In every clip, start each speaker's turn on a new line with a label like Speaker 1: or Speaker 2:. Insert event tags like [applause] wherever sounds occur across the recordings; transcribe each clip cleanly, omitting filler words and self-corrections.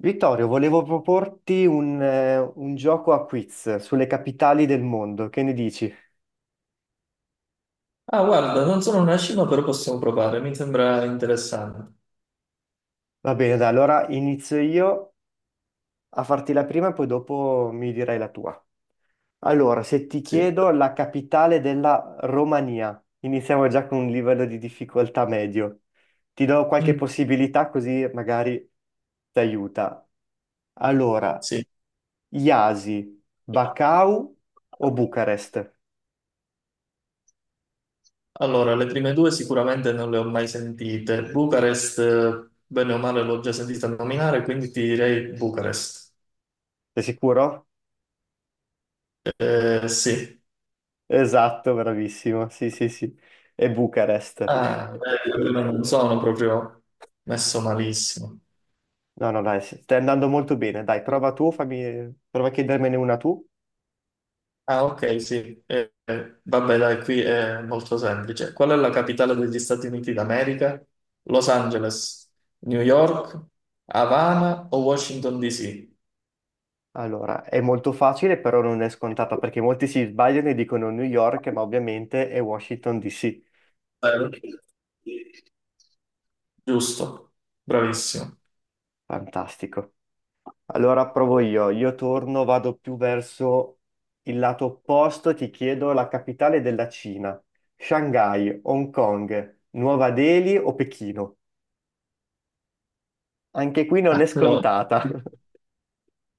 Speaker 1: Vittorio, volevo proporti un gioco a quiz sulle capitali del mondo, che ne dici?
Speaker 2: Ah, guarda, non sono una scimmia, però possiamo provare, mi sembra interessante.
Speaker 1: Va bene, dai, allora inizio io a farti la prima e poi dopo mi dirai la tua. Allora, se ti
Speaker 2: Sì.
Speaker 1: chiedo la capitale della Romania, iniziamo già con un livello di difficoltà medio. Ti do qualche
Speaker 2: Mm,
Speaker 1: possibilità così magari ti aiuta. Allora,
Speaker 2: sì.
Speaker 1: Iasi, Bacău o Bucarest?
Speaker 2: Allora, le prime due sicuramente non le ho mai sentite. Bucarest, bene o male, l'ho già sentita nominare, quindi ti direi Bucarest.
Speaker 1: Sei sicuro?
Speaker 2: Sì.
Speaker 1: Esatto, bravissimo. Sì, sì, sì. E Bucarest.
Speaker 2: Ah, beh, non sono proprio messo malissimo.
Speaker 1: No, no, dai, sì, stai andando molto bene. Dai, prova tu, fammi... prova a chiedermene una tu.
Speaker 2: Ah, ok, sì. Vabbè, dai, qui è molto semplice. Qual è la capitale degli Stati Uniti d'America? Los Angeles, New York, Havana o Washington DC?
Speaker 1: Allora, è molto facile, però non è scontata, perché molti si sbagliano e dicono New York, ma ovviamente è Washington DC.
Speaker 2: Vero? Giusto, bravissimo.
Speaker 1: Fantastico. Allora provo io. Io torno, vado più verso il lato opposto, ti chiedo la capitale della Cina. Shanghai, Hong Kong, Nuova Delhi o Pechino? Anche qui non è
Speaker 2: Allora,
Speaker 1: scontata.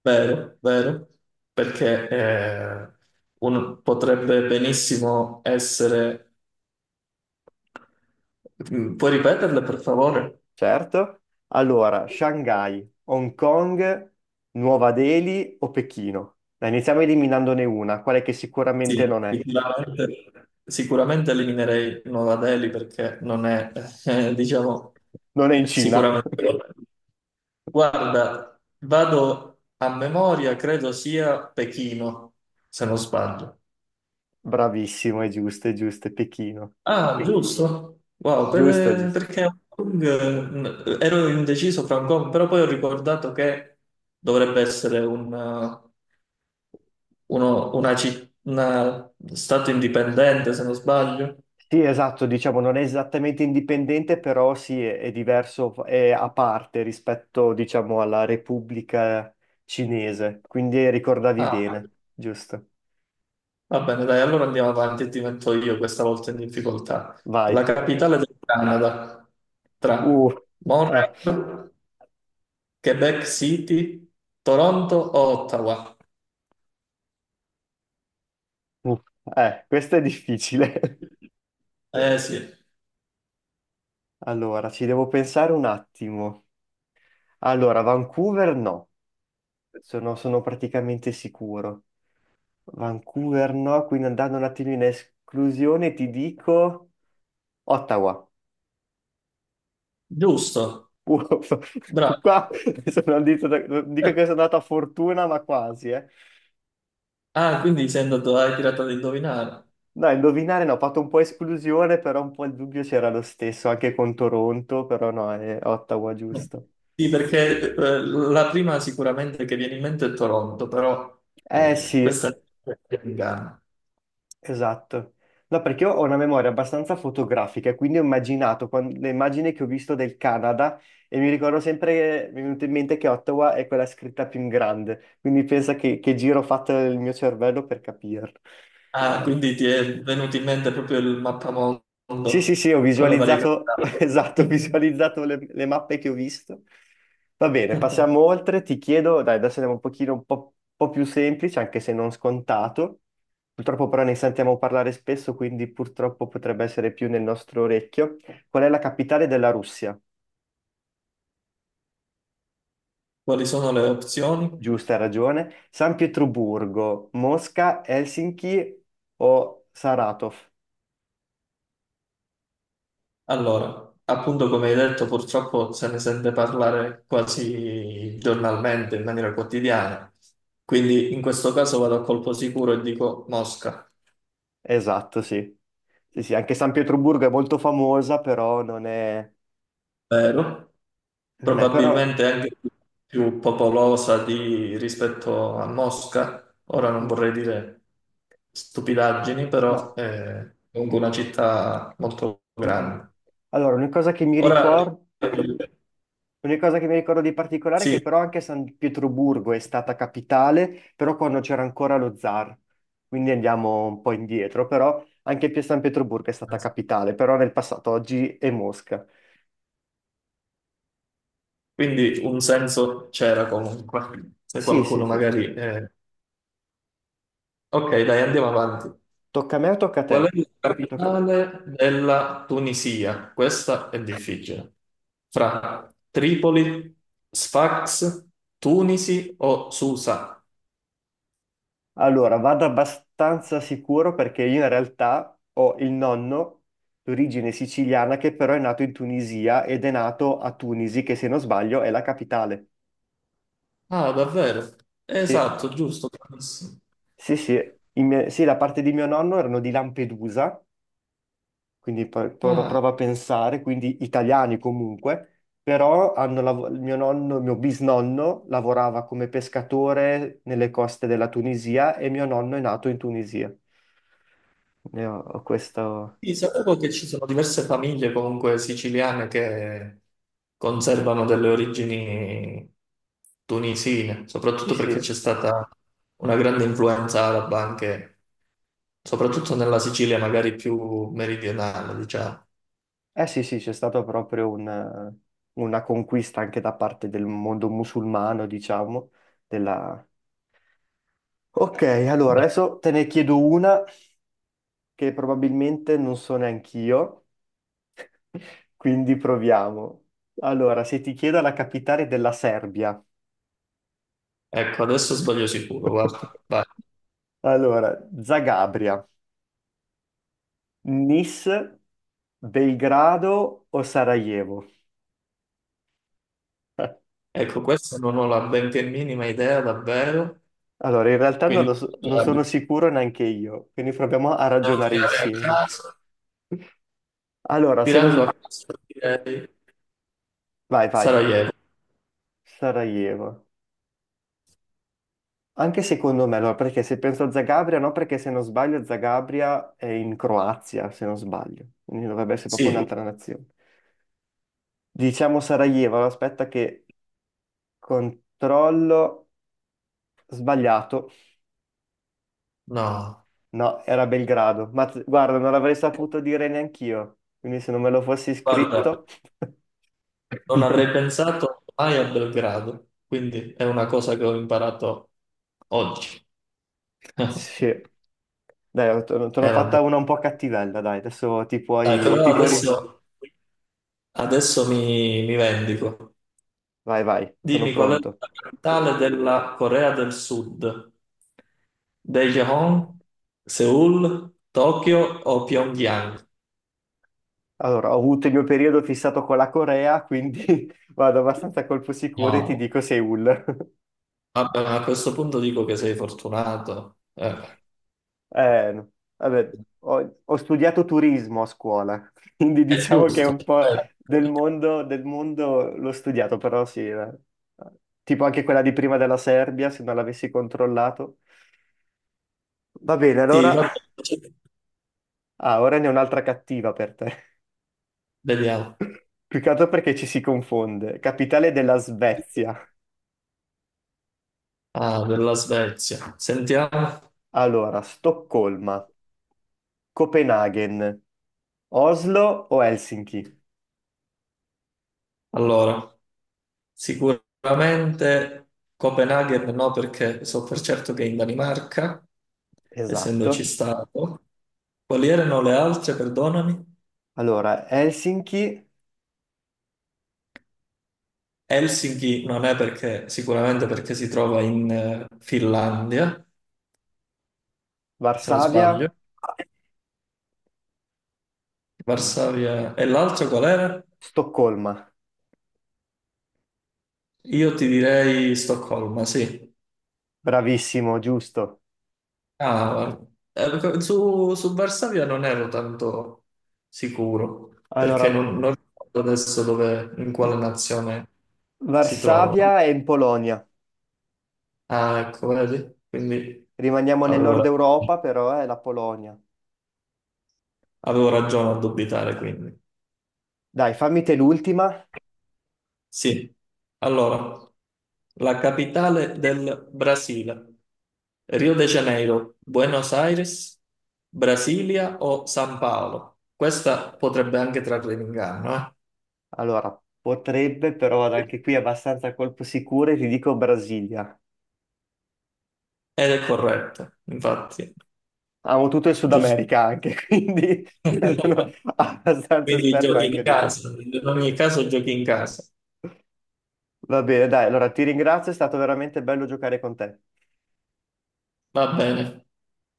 Speaker 2: vero, vero, perché potrebbe benissimo essere... Mm, puoi ripeterle, per favore?
Speaker 1: Certo. Allora, Shanghai, Hong Kong, Nuova Delhi o Pechino? Dai, iniziamo eliminandone una, quale che
Speaker 2: Sì,
Speaker 1: sicuramente non è.
Speaker 2: sicuramente, sicuramente eliminerei Nuova Delhi perché non è, [laughs] diciamo,
Speaker 1: Non è in Cina.
Speaker 2: sicuramente. Guarda, vado a memoria, credo sia Pechino, se non sbaglio.
Speaker 1: [laughs] Bravissimo, è giusto, è giusto, è Pechino.
Speaker 2: Ah, giusto. Wow,
Speaker 1: Giusto, giusto.
Speaker 2: perché Hong Kong, ero indeciso fra Hong Kong, però poi ho ricordato che dovrebbe essere un, una stato indipendente, se non sbaglio.
Speaker 1: Sì, esatto, diciamo, non è esattamente indipendente, però sì, è diverso, è a parte rispetto, diciamo, alla Repubblica Cinese. Quindi ricordavi
Speaker 2: Ah,
Speaker 1: bene, giusto.
Speaker 2: va bene, dai, allora andiamo avanti e ti metto io questa volta in difficoltà. La
Speaker 1: Vai.
Speaker 2: capitale del Canada tra
Speaker 1: Uh, eh,
Speaker 2: Montreal, Quebec City, Toronto o Ottawa?
Speaker 1: uh, questo è difficile. [laughs]
Speaker 2: Eh sì,
Speaker 1: Allora, ci devo pensare un attimo. Allora, Vancouver no, sono praticamente sicuro. Vancouver no, quindi andando un attimo in esclusione ti dico Ottawa.
Speaker 2: giusto,
Speaker 1: Uff,
Speaker 2: bravo.
Speaker 1: [laughs] qua sono non dico
Speaker 2: Eh,
Speaker 1: che sono andato a fortuna, ma quasi, eh.
Speaker 2: Ah, quindi sei andato, hai tirato ad indovinare.
Speaker 1: No, indovinare no, ho fatto un po' esclusione, però un po' il dubbio c'era lo stesso, anche con Toronto, però no, è Ottawa
Speaker 2: No.
Speaker 1: giusto.
Speaker 2: Sì, perché la prima sicuramente che viene in mente è Toronto, però
Speaker 1: Eh sì,
Speaker 2: questa è in Ghana.
Speaker 1: esatto. No, perché io ho una memoria abbastanza fotografica, e quindi ho immaginato le immagini che ho visto del Canada e mi ricordo sempre, mi è venuto in mente che Ottawa è quella scritta più in grande, quindi pensa che giro ho fatto il mio cervello per capirlo.
Speaker 2: Ah,
Speaker 1: Eh.
Speaker 2: quindi ti è venuto in mente proprio il mappamondo
Speaker 1: Sì, sì, sì, ho
Speaker 2: con le varie
Speaker 1: visualizzato, [laughs] esatto, ho
Speaker 2: capitali.
Speaker 1: visualizzato le mappe che ho visto. Va bene, passiamo
Speaker 2: [laughs]
Speaker 1: oltre. Ti chiedo, dai, adesso andiamo un po' più semplice, anche se non scontato. Purtroppo però ne sentiamo parlare spesso, quindi purtroppo potrebbe essere più nel nostro orecchio. Qual è la capitale della Russia?
Speaker 2: Quali sono le opzioni?
Speaker 1: Giusto, hai ragione. San Pietroburgo, Mosca, Helsinki o Saratov?
Speaker 2: Allora, appunto come hai detto, purtroppo se ne sente parlare quasi giornalmente, in maniera quotidiana. Quindi in questo caso vado a colpo sicuro e dico Mosca.
Speaker 1: Esatto, sì. Sì, sì, anche San Pietroburgo è molto famosa, però non è...
Speaker 2: Vero?
Speaker 1: Non è, però
Speaker 2: Probabilmente anche più rispetto a Mosca. Ora non
Speaker 1: mm,
Speaker 2: vorrei dire stupidaggini, però
Speaker 1: no.
Speaker 2: è comunque una città molto
Speaker 1: Mm, mm.
Speaker 2: grande.
Speaker 1: Allora,
Speaker 2: Ora
Speaker 1: una cosa che mi ricordo di particolare è
Speaker 2: sì,
Speaker 1: che però anche San Pietroburgo è stata capitale, però quando c'era ancora lo zar. Quindi andiamo un po' indietro, però anche San Pietroburgo è stata capitale, però nel passato oggi è Mosca.
Speaker 2: quindi un senso c'era comunque, se
Speaker 1: Sì, sì,
Speaker 2: qualcuno
Speaker 1: sì, sì.
Speaker 2: magari... ok, dai, andiamo avanti.
Speaker 1: Tocca a me o tocca a te?
Speaker 2: Qual è la
Speaker 1: Tocca.
Speaker 2: capitale della Tunisia? Questa è difficile. Fra Tripoli, Sfax, Tunisi o Susa?
Speaker 1: Allora, vado abbastanza sicuro perché io in realtà ho il nonno d'origine siciliana che però è nato in Tunisia ed è nato a Tunisi, che se non sbaglio è la capitale.
Speaker 2: Ah, davvero?
Speaker 1: Sì,
Speaker 2: Esatto, giusto, bravissimo.
Speaker 1: sì, sì. Sì, la parte di mio nonno erano di Lampedusa, quindi
Speaker 2: Ah,
Speaker 1: prova a pensare, quindi italiani comunque, però il mio nonno, il mio bisnonno lavorava come pescatore nelle coste della Tunisia e mio nonno è nato in Tunisia. Ne ho questo.
Speaker 2: sì, sapevo che ci sono diverse famiglie comunque siciliane che conservano delle origini tunisine,
Speaker 1: Sì,
Speaker 2: soprattutto perché c'è
Speaker 1: sì.
Speaker 2: stata una grande influenza araba anche soprattutto nella Sicilia magari più meridionale, diciamo.
Speaker 1: Eh sì, sì, c'è stata proprio una conquista anche da parte del mondo musulmano, diciamo, della... Ok, allora
Speaker 2: Beh,
Speaker 1: adesso te ne chiedo una che probabilmente non so neanch'io, [laughs] quindi proviamo. Allora, se ti chiedo la capitale della Serbia,
Speaker 2: ecco, adesso sbaglio sicuro, guarda.
Speaker 1: [laughs]
Speaker 2: Vai.
Speaker 1: allora, Zagabria, Nis, Belgrado o Sarajevo? [laughs]
Speaker 2: Ecco, questa non ho la benché minima idea davvero,
Speaker 1: Allora, in realtà non, lo
Speaker 2: quindi
Speaker 1: so- non
Speaker 2: devo
Speaker 1: sono sicuro neanche io, quindi proviamo a ragionare
Speaker 2: tirare a
Speaker 1: insieme.
Speaker 2: caso,
Speaker 1: Allora, se non...
Speaker 2: tirando
Speaker 1: s-
Speaker 2: a caso direi
Speaker 1: Vai, vai,
Speaker 2: Sarajevo.
Speaker 1: Sarajevo. Anche secondo me, allora, perché se penso a Zagabria, no, perché se non sbaglio Zagabria è in Croazia, se non sbaglio, quindi dovrebbe essere proprio
Speaker 2: Sì,
Speaker 1: un'altra nazione. Diciamo Sarajevo, allora, aspetta che controllo... Sbagliato.
Speaker 2: no,
Speaker 1: No, era Belgrado. Ma guarda, non l'avrei saputo dire neanch'io, quindi se non me lo fossi
Speaker 2: guarda,
Speaker 1: scritto...
Speaker 2: non avrei
Speaker 1: [laughs]
Speaker 2: pensato mai a Belgrado, quindi è una cosa che ho imparato oggi. [laughs]
Speaker 1: Sì, dai, te
Speaker 2: E
Speaker 1: l'ho
Speaker 2: vabbè.
Speaker 1: fatta una un po' cattivella, dai, adesso ti
Speaker 2: Dai,
Speaker 1: puoi,
Speaker 2: però adesso, adesso mi vendico.
Speaker 1: Vai, vai, sono
Speaker 2: Dimmi qual è
Speaker 1: pronto.
Speaker 2: la capitale della Corea del Sud? Daejeon, Seoul, Tokyo o Pyongyang?
Speaker 1: Allora, ho avuto il mio periodo fissato con la Corea, quindi [laughs] vado abbastanza a colpo sicuro e ti
Speaker 2: No,
Speaker 1: dico Seoul. [laughs]
Speaker 2: vabbè, ma a questo punto dico che sei fortunato.
Speaker 1: No. Vabbè, ho studiato turismo a scuola, [laughs] quindi
Speaker 2: È
Speaker 1: diciamo che è
Speaker 2: giusto.
Speaker 1: un po' del mondo l'ho studiato, però sì, eh. Tipo anche quella di prima della Serbia, se non l'avessi controllato. Va bene,
Speaker 2: Sì,
Speaker 1: allora...
Speaker 2: vabbè,
Speaker 1: Ah, ora ne ho un'altra cattiva per te.
Speaker 2: vediamo.
Speaker 1: Più che altro perché ci si confonde. Capitale della Svezia.
Speaker 2: Ah, della Svezia. Sentiamo.
Speaker 1: Allora, Stoccolma, Copenaghen, Oslo o Helsinki?
Speaker 2: Allora, sicuramente Copenaghen no, perché so per certo che è in Danimarca, essendoci
Speaker 1: Esatto.
Speaker 2: stato. Quali erano le altre, perdonami?
Speaker 1: Allora, Helsinki,
Speaker 2: Helsinki non è perché, sicuramente perché si trova in Finlandia, se non sbaglio.
Speaker 1: Varsavia, no.
Speaker 2: Varsavia. E l'altra qual era?
Speaker 1: Stoccolma.
Speaker 2: Io ti direi Stoccolma, sì.
Speaker 1: Bravissimo, giusto.
Speaker 2: Ah, perché su Varsavia non ero tanto sicuro, perché
Speaker 1: Allora,
Speaker 2: non ricordo adesso dove, in quale nazione si trova.
Speaker 1: Varsavia è in Polonia.
Speaker 2: Ah, ecco, vedi? Quindi
Speaker 1: Rimaniamo nel
Speaker 2: avevo,
Speaker 1: nord
Speaker 2: ra-
Speaker 1: Europa, però è la Polonia.
Speaker 2: avevo ragione a dubitare, quindi.
Speaker 1: Dai, fammi te l'ultima.
Speaker 2: Sì, allora, la capitale del Brasile, Rio de Janeiro, Buenos Aires, Brasilia o San Paolo? Questa potrebbe anche trarre in inganno, eh?
Speaker 1: Allora, potrebbe, però vado anche qui abbastanza a colpo sicuro e ti dico Brasilia.
Speaker 2: Ed è corretto, infatti,
Speaker 1: Amo tutto il Sud
Speaker 2: giusto.
Speaker 1: America anche, [laughs] quindi sono
Speaker 2: [laughs]
Speaker 1: abbastanza
Speaker 2: Quindi
Speaker 1: esperto
Speaker 2: giochi
Speaker 1: anche
Speaker 2: in
Speaker 1: adesso.
Speaker 2: casa, in ogni caso giochi in casa.
Speaker 1: Va bene, dai, allora ti ringrazio, è stato veramente bello giocare con te.
Speaker 2: Va bene.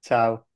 Speaker 1: Ciao.